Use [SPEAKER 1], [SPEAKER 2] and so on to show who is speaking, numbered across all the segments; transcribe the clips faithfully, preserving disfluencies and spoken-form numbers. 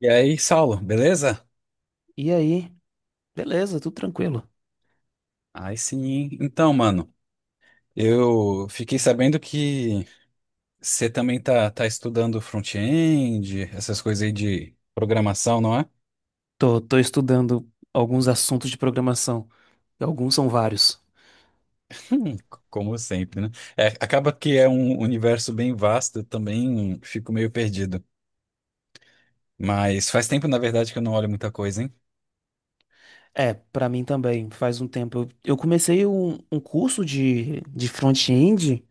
[SPEAKER 1] E aí, Saulo, beleza?
[SPEAKER 2] E aí? Beleza, tudo tranquilo.
[SPEAKER 1] Aí sim, hein? Então, mano, eu fiquei sabendo que você também tá, tá estudando front-end, essas coisas aí de programação, não é?
[SPEAKER 2] Tô, tô estudando alguns assuntos de programação. E alguns são vários.
[SPEAKER 1] Hum, como sempre, né? É, acaba que é um universo bem vasto, eu também fico meio perdido. Mas faz tempo, na verdade, que eu não olho muita coisa, hein?
[SPEAKER 2] É, pra mim também, faz um tempo. Eu, eu comecei um, um curso de, de front-end.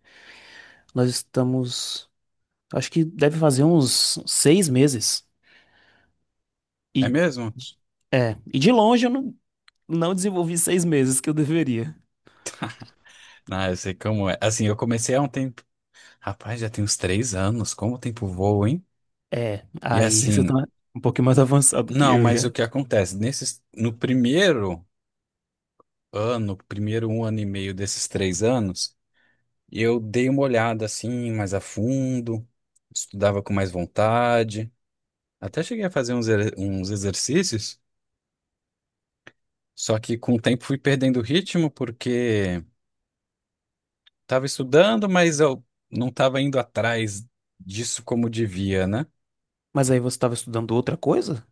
[SPEAKER 2] Nós estamos. Acho que deve fazer uns seis meses.
[SPEAKER 1] É
[SPEAKER 2] E,
[SPEAKER 1] mesmo?
[SPEAKER 2] é, e de longe eu não, não desenvolvi seis meses que eu deveria.
[SPEAKER 1] Ah, eu sei como é. Assim, eu comecei há um tempo. Rapaz, já tem uns três anos, como o tempo voa, hein?
[SPEAKER 2] É,
[SPEAKER 1] E
[SPEAKER 2] aí você tá
[SPEAKER 1] assim,
[SPEAKER 2] um pouquinho mais avançado que
[SPEAKER 1] não,
[SPEAKER 2] eu
[SPEAKER 1] mas o
[SPEAKER 2] já.
[SPEAKER 1] que acontece? Nesses, no primeiro ano, primeiro um ano e meio desses três anos, eu dei uma olhada assim mais a fundo, estudava com mais vontade, até cheguei a fazer uns, er- uns exercícios, só que com o tempo fui perdendo o ritmo porque estava estudando, mas eu não estava indo atrás disso como devia, né?
[SPEAKER 2] Mas aí você estava estudando outra coisa?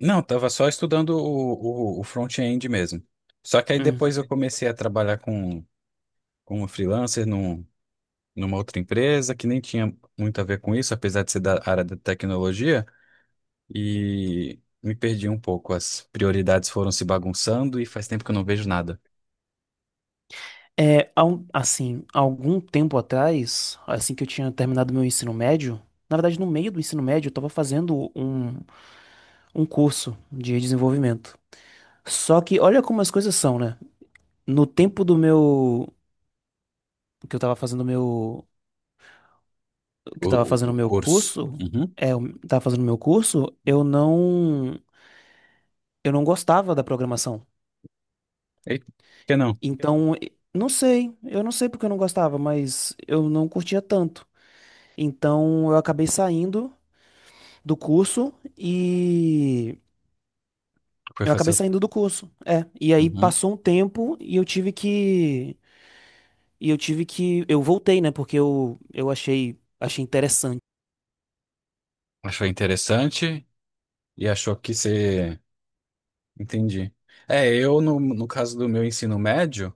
[SPEAKER 1] Não, estava só estudando o, o, o front-end mesmo. Só que aí
[SPEAKER 2] Hum.
[SPEAKER 1] depois eu comecei a trabalhar com, como freelancer numa outra empresa que nem tinha muito a ver com isso, apesar de ser da área da tecnologia, e me perdi um pouco. As prioridades foram se bagunçando e faz tempo que eu não vejo nada.
[SPEAKER 2] É, há um- assim, há algum tempo atrás, assim que eu tinha terminado meu ensino médio, na verdade, no meio do ensino médio, eu estava fazendo um, um curso de desenvolvimento. Só que olha como as coisas são, né? No tempo do meu que eu estava fazendo meu que
[SPEAKER 1] O,
[SPEAKER 2] eu tava
[SPEAKER 1] o-
[SPEAKER 2] fazendo
[SPEAKER 1] o
[SPEAKER 2] meu
[SPEAKER 1] curso.
[SPEAKER 2] curso,
[SPEAKER 1] Uhum.
[SPEAKER 2] é, eu tava fazendo meu curso, eu não eu não gostava da programação.
[SPEAKER 1] E por que não?
[SPEAKER 2] Então, e- não sei, eu não sei porque eu não gostava, mas eu não curtia tanto. Então, eu acabei saindo do curso e
[SPEAKER 1] Foi
[SPEAKER 2] eu
[SPEAKER 1] fazer
[SPEAKER 2] acabei
[SPEAKER 1] outro.
[SPEAKER 2] saindo do curso. É, e aí
[SPEAKER 1] Uhum.
[SPEAKER 2] passou um tempo e eu tive que e eu tive que eu voltei, né, porque eu eu achei achei interessante.
[SPEAKER 1] Achou interessante e achou que você. Entendi. É, eu, no, no caso do meu ensino médio,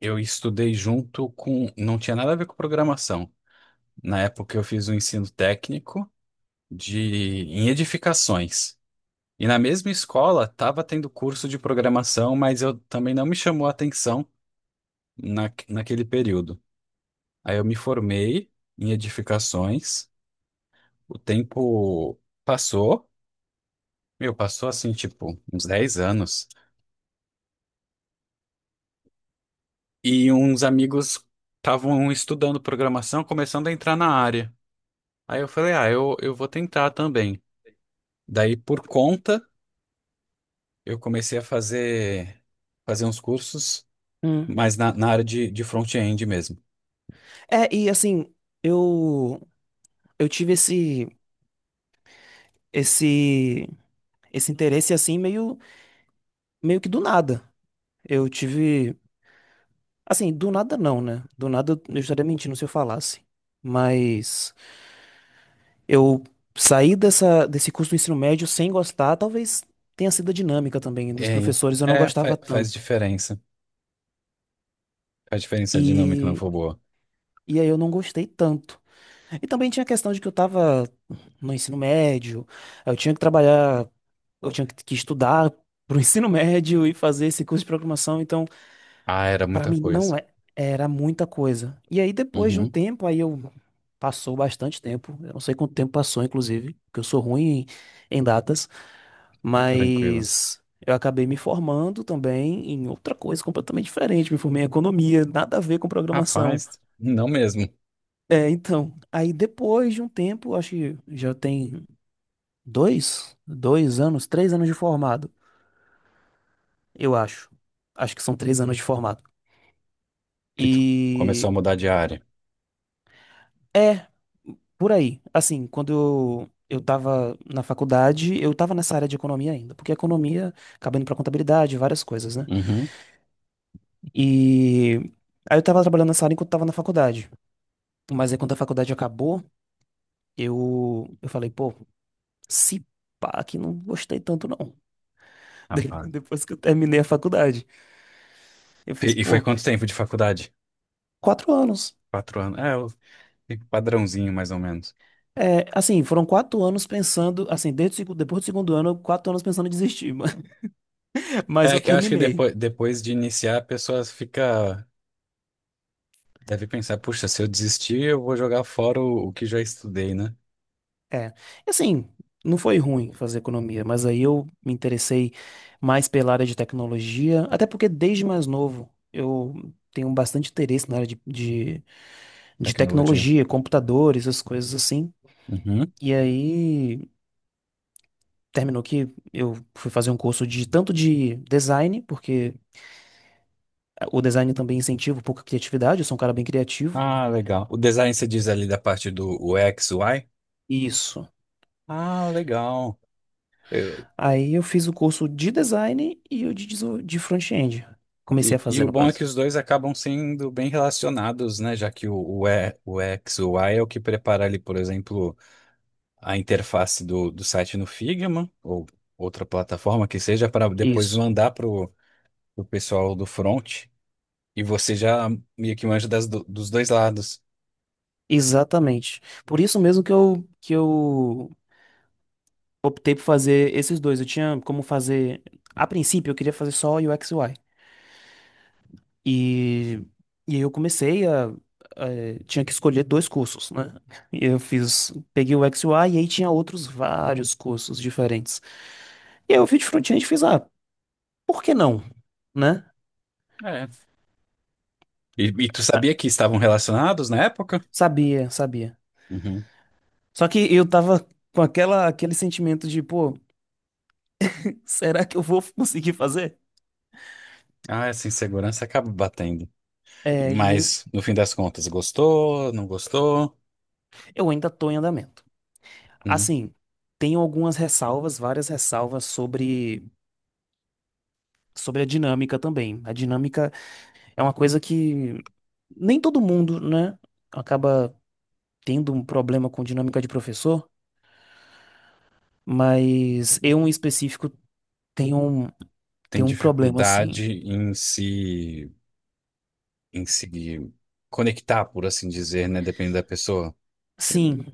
[SPEAKER 1] eu estudei junto com. Não tinha nada a ver com programação. Na época, eu fiz um ensino técnico de em edificações. E na mesma escola, tava tendo curso de programação, mas eu também não me chamou a atenção na, naquele período. Aí eu me formei em edificações, o tempo passou, meu, passou assim, tipo, uns dez anos, e uns amigos estavam estudando programação, começando a entrar na área. Aí eu falei, ah, eu, eu vou tentar também. Daí, por conta, eu comecei a fazer, fazer uns cursos,
[SPEAKER 2] Hum.
[SPEAKER 1] mas na, na área de, de front-end mesmo.
[SPEAKER 2] É, e assim, eu eu tive esse esse esse interesse assim meio meio que do nada. Eu tive assim, do nada não, né? Do nada eu estaria mentindo se eu falasse. Mas eu saí dessa, desse curso do ensino médio sem gostar, talvez tenha sido a dinâmica também dos
[SPEAKER 1] É,
[SPEAKER 2] professores, eu não
[SPEAKER 1] é,
[SPEAKER 2] gostava
[SPEAKER 1] fa- faz
[SPEAKER 2] tanto.
[SPEAKER 1] diferença. Faz diferença a dinâmica não
[SPEAKER 2] E,
[SPEAKER 1] for boa.
[SPEAKER 2] e aí eu não gostei tanto. E também tinha a questão de que eu estava no ensino médio, eu tinha que trabalhar, eu tinha que que estudar para o ensino médio e fazer esse curso de programação, então
[SPEAKER 1] Ah, era
[SPEAKER 2] para
[SPEAKER 1] muita
[SPEAKER 2] mim
[SPEAKER 1] coisa.
[SPEAKER 2] não é- era muita coisa. E aí depois de um
[SPEAKER 1] Uhum,
[SPEAKER 2] tempo, aí eu passou bastante tempo, eu não sei quanto tempo passou, inclusive, porque eu sou ruim em em datas.
[SPEAKER 1] tranquilo.
[SPEAKER 2] Mas eu acabei me formando também em outra coisa completamente diferente. Me formei em economia, nada a ver com programação.
[SPEAKER 1] Rapaz, não mesmo.
[SPEAKER 2] É, então, aí depois de um tempo, acho que já tem dois, dois anos, três anos de formado, eu acho. Acho que são três anos de formado.
[SPEAKER 1] Que tu começou
[SPEAKER 2] E
[SPEAKER 1] a mudar de área.
[SPEAKER 2] é, por aí. Assim, quando eu, eu tava na faculdade, eu tava nessa área de economia ainda, porque economia acaba indo pra contabilidade, várias coisas, né?
[SPEAKER 1] Uhum,
[SPEAKER 2] E aí eu tava trabalhando nessa área enquanto tava na faculdade. Mas aí quando a faculdade acabou, eu, eu falei, pô, se pá, que não gostei tanto não. De-
[SPEAKER 1] rapaz.
[SPEAKER 2] Depois que eu terminei a faculdade. Eu fiz,
[SPEAKER 1] E, e foi
[SPEAKER 2] pô,
[SPEAKER 1] quanto tempo de faculdade?
[SPEAKER 2] quatro anos.
[SPEAKER 1] Quatro anos. É, o o padrãozinho, mais ou menos.
[SPEAKER 2] É, assim, foram quatro anos pensando, assim, desde, o segu- depois do segundo ano, quatro anos pensando em desistir. Mas mas
[SPEAKER 1] É
[SPEAKER 2] eu
[SPEAKER 1] que eu acho que
[SPEAKER 2] terminei.
[SPEAKER 1] depois, depois de iniciar, a pessoa fica. Deve pensar, puxa, se eu desistir, eu vou jogar fora o, o que já estudei, né?
[SPEAKER 2] É, assim, não foi ruim fazer economia, mas aí eu me interessei mais pela área de tecnologia, até porque desde mais novo eu tenho bastante interesse na área de, de, de
[SPEAKER 1] Tecnologia.
[SPEAKER 2] tecnologia, computadores, essas coisas assim.
[SPEAKER 1] Uhum.
[SPEAKER 2] E aí terminou que eu fui fazer um curso de tanto de design, porque o design também incentiva pouca criatividade, eu sou um cara bem criativo.
[SPEAKER 1] Ah, legal. O design você diz ali da parte do U X U X, U I?
[SPEAKER 2] Isso.
[SPEAKER 1] Ah, legal. Eu-
[SPEAKER 2] Aí eu fiz o curso de design e o de, deso- de front-end. Comecei
[SPEAKER 1] e,
[SPEAKER 2] a
[SPEAKER 1] e
[SPEAKER 2] fazer,
[SPEAKER 1] o
[SPEAKER 2] no
[SPEAKER 1] bom é que
[SPEAKER 2] caso.
[SPEAKER 1] os dois acabam sendo bem relacionados, né? Já que o, o, e, o X, o Y é o que prepara ali, por exemplo, a interface do, do site no Figma ou outra plataforma que seja para depois
[SPEAKER 2] Isso.
[SPEAKER 1] mandar para o pessoal do front e você já meio que manja das, do- dos dois lados.
[SPEAKER 2] Exatamente. Por isso mesmo que eu, que eu optei por fazer esses dois. Eu tinha como fazer. A princípio, eu queria fazer só U X e U I. E, e aí eu comecei a, a- Tinha que escolher dois cursos, né? E eu fiz. Peguei o U X e U I e aí tinha outros vários cursos diferentes. E aí eu fiz de front-end e fiz, ah, por que não? Né?
[SPEAKER 1] É. E, e tu sabia que estavam relacionados na época?
[SPEAKER 2] Sabia, sabia.
[SPEAKER 1] Uhum.
[SPEAKER 2] Só que eu tava com aquela, aquele sentimento de, pô, será que eu vou conseguir fazer?
[SPEAKER 1] Ah, essa insegurança acaba batendo.
[SPEAKER 2] É, e
[SPEAKER 1] Mas, no fim das contas, gostou? Não gostou?
[SPEAKER 2] Eu ainda estou em andamento.
[SPEAKER 1] Uhum.
[SPEAKER 2] Assim, tenho algumas ressalvas, várias ressalvas sobre, sobre a dinâmica também. A dinâmica é uma coisa que nem todo mundo, né, acaba tendo um problema com dinâmica de professor, mas eu em específico tenho um,
[SPEAKER 1] Tem
[SPEAKER 2] tenho um problema assim.
[SPEAKER 1] dificuldade em se, em se conectar, por assim dizer, né? Depende da pessoa. Você-
[SPEAKER 2] Sim,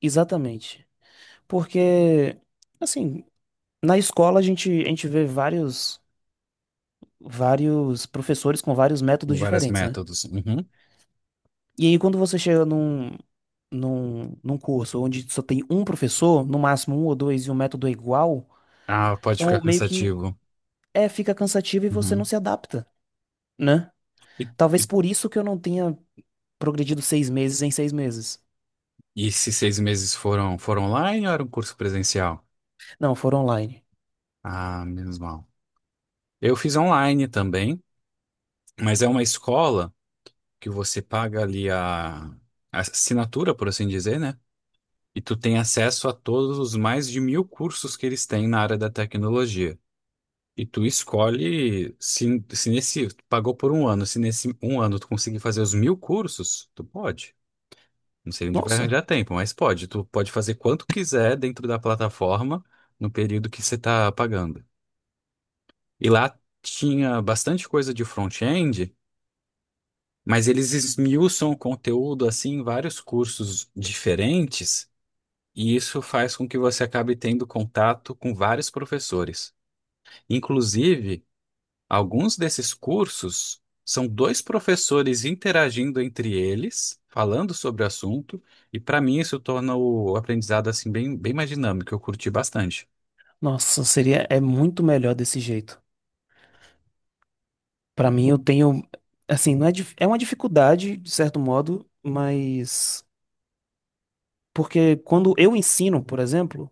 [SPEAKER 2] exatamente. Porque, assim, na escola a gente, a gente vê vários, vários professores com vários métodos
[SPEAKER 1] Vários
[SPEAKER 2] diferentes, né?
[SPEAKER 1] métodos. Uhum.
[SPEAKER 2] E aí, quando você chega num, num, num curso onde só tem um professor, no máximo um ou dois, e o método é igual,
[SPEAKER 1] Ah, pode ficar
[SPEAKER 2] então meio que
[SPEAKER 1] cansativo.
[SPEAKER 2] é, fica cansativo e você não
[SPEAKER 1] Uhum.
[SPEAKER 2] se adapta, né?
[SPEAKER 1] E, e,
[SPEAKER 2] Talvez por isso que eu não tenha progredido seis meses em seis meses.
[SPEAKER 1] e esses seis meses foram, foram online ou era um curso presencial?
[SPEAKER 2] Não, foram online.
[SPEAKER 1] Ah, menos mal. Eu fiz online também, mas é uma escola que você paga ali a, a assinatura, por assim dizer, né? E tu tem acesso a todos os mais de mil cursos que eles têm na área da tecnologia. E tu escolhe se, se nesse, tu pagou por um ano, se nesse um ano tu conseguir fazer os mil cursos, tu pode. Não sei onde vai
[SPEAKER 2] Nossa,
[SPEAKER 1] arranjar tempo, mas pode. Tu pode fazer quanto quiser dentro da plataforma no período que você está pagando. E lá tinha bastante coisa de front-end, mas eles esmiuçam o conteúdo assim em vários cursos diferentes, e isso faz com que você acabe tendo contato com vários professores. Inclusive, alguns desses cursos são dois professores interagindo entre eles, falando sobre o assunto, e para mim isso torna o aprendizado assim bem, bem mais dinâmico. Eu curti bastante.
[SPEAKER 2] nossa, seria, é muito melhor desse jeito. Pra mim, eu tenho, assim, não é, dif- é uma dificuldade, de certo modo, mas porque quando eu ensino, por exemplo,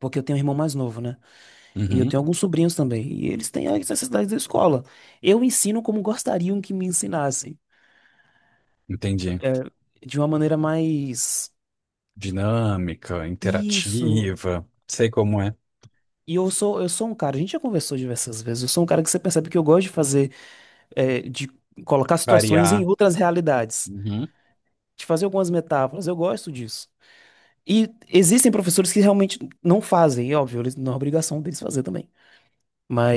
[SPEAKER 2] porque eu tenho um irmão mais novo, né? E eu
[SPEAKER 1] Uhum,
[SPEAKER 2] tenho alguns sobrinhos também, e eles têm as necessidades da escola. Eu ensino como gostariam que me ensinassem,
[SPEAKER 1] entendi.
[SPEAKER 2] é, de uma maneira mais.
[SPEAKER 1] Dinâmica,
[SPEAKER 2] Isso.
[SPEAKER 1] interativa, sei como é,
[SPEAKER 2] E eu sou, eu sou um cara, a gente já conversou diversas vezes, eu sou um cara que você percebe que eu gosto de fazer, é, de colocar situações em
[SPEAKER 1] variar.
[SPEAKER 2] outras realidades,
[SPEAKER 1] Uhum.
[SPEAKER 2] de fazer algumas metáforas, eu gosto disso. E existem professores que realmente não fazem, e óbvio, eles, não é obrigação deles fazer também.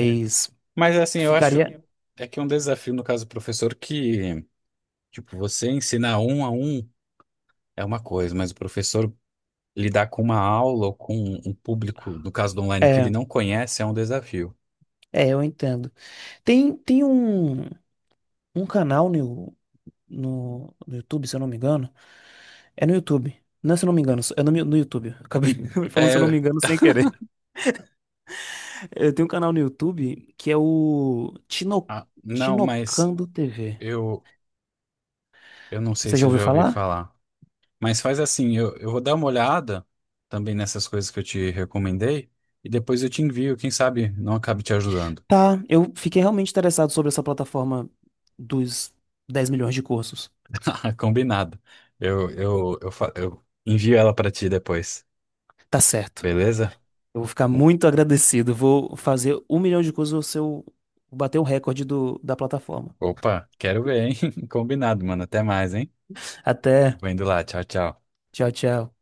[SPEAKER 1] É. Mas assim, eu acho
[SPEAKER 2] ficaria.
[SPEAKER 1] é que é um desafio no caso do professor que, tipo, você ensinar um a um é uma coisa, mas o professor lidar com uma aula ou com um público, no caso do online, que ele
[SPEAKER 2] É,
[SPEAKER 1] não conhece, é um desafio.
[SPEAKER 2] é, eu entendo. Tem, tem um, um canal no, no, no YouTube, se eu não me engano. É no YouTube. Não, é, se eu não me engano, é no, mi- no YouTube. Acabei falando, se eu não
[SPEAKER 1] É,
[SPEAKER 2] me engano, sem querer. É, tem um canal no YouTube que é o Tino,
[SPEAKER 1] ah, não, mas
[SPEAKER 2] Tinocando T V.
[SPEAKER 1] eu, eu não sei
[SPEAKER 2] Você
[SPEAKER 1] se
[SPEAKER 2] já
[SPEAKER 1] eu
[SPEAKER 2] ouviu
[SPEAKER 1] já ouvi
[SPEAKER 2] falar?
[SPEAKER 1] falar. Mas faz assim, eu, eu vou dar uma olhada também nessas coisas que eu te recomendei e depois eu te envio, quem sabe não acabe te ajudando.
[SPEAKER 2] Tá, eu fiquei realmente interessado sobre essa plataforma dos dez milhões de cursos.
[SPEAKER 1] Combinado. Eu, eu, eu, fa- eu envio ela para ti depois,
[SPEAKER 2] Tá certo.
[SPEAKER 1] beleza?
[SPEAKER 2] Eu vou ficar muito agradecido. Vou fazer um milhão de coisas, você bater o recorde do, da plataforma.
[SPEAKER 1] Opa, quero ver, hein? Combinado, mano. Até mais, hein?
[SPEAKER 2] Até.
[SPEAKER 1] Eu vou indo lá. Tchau, tchau.
[SPEAKER 2] Tchau, tchau.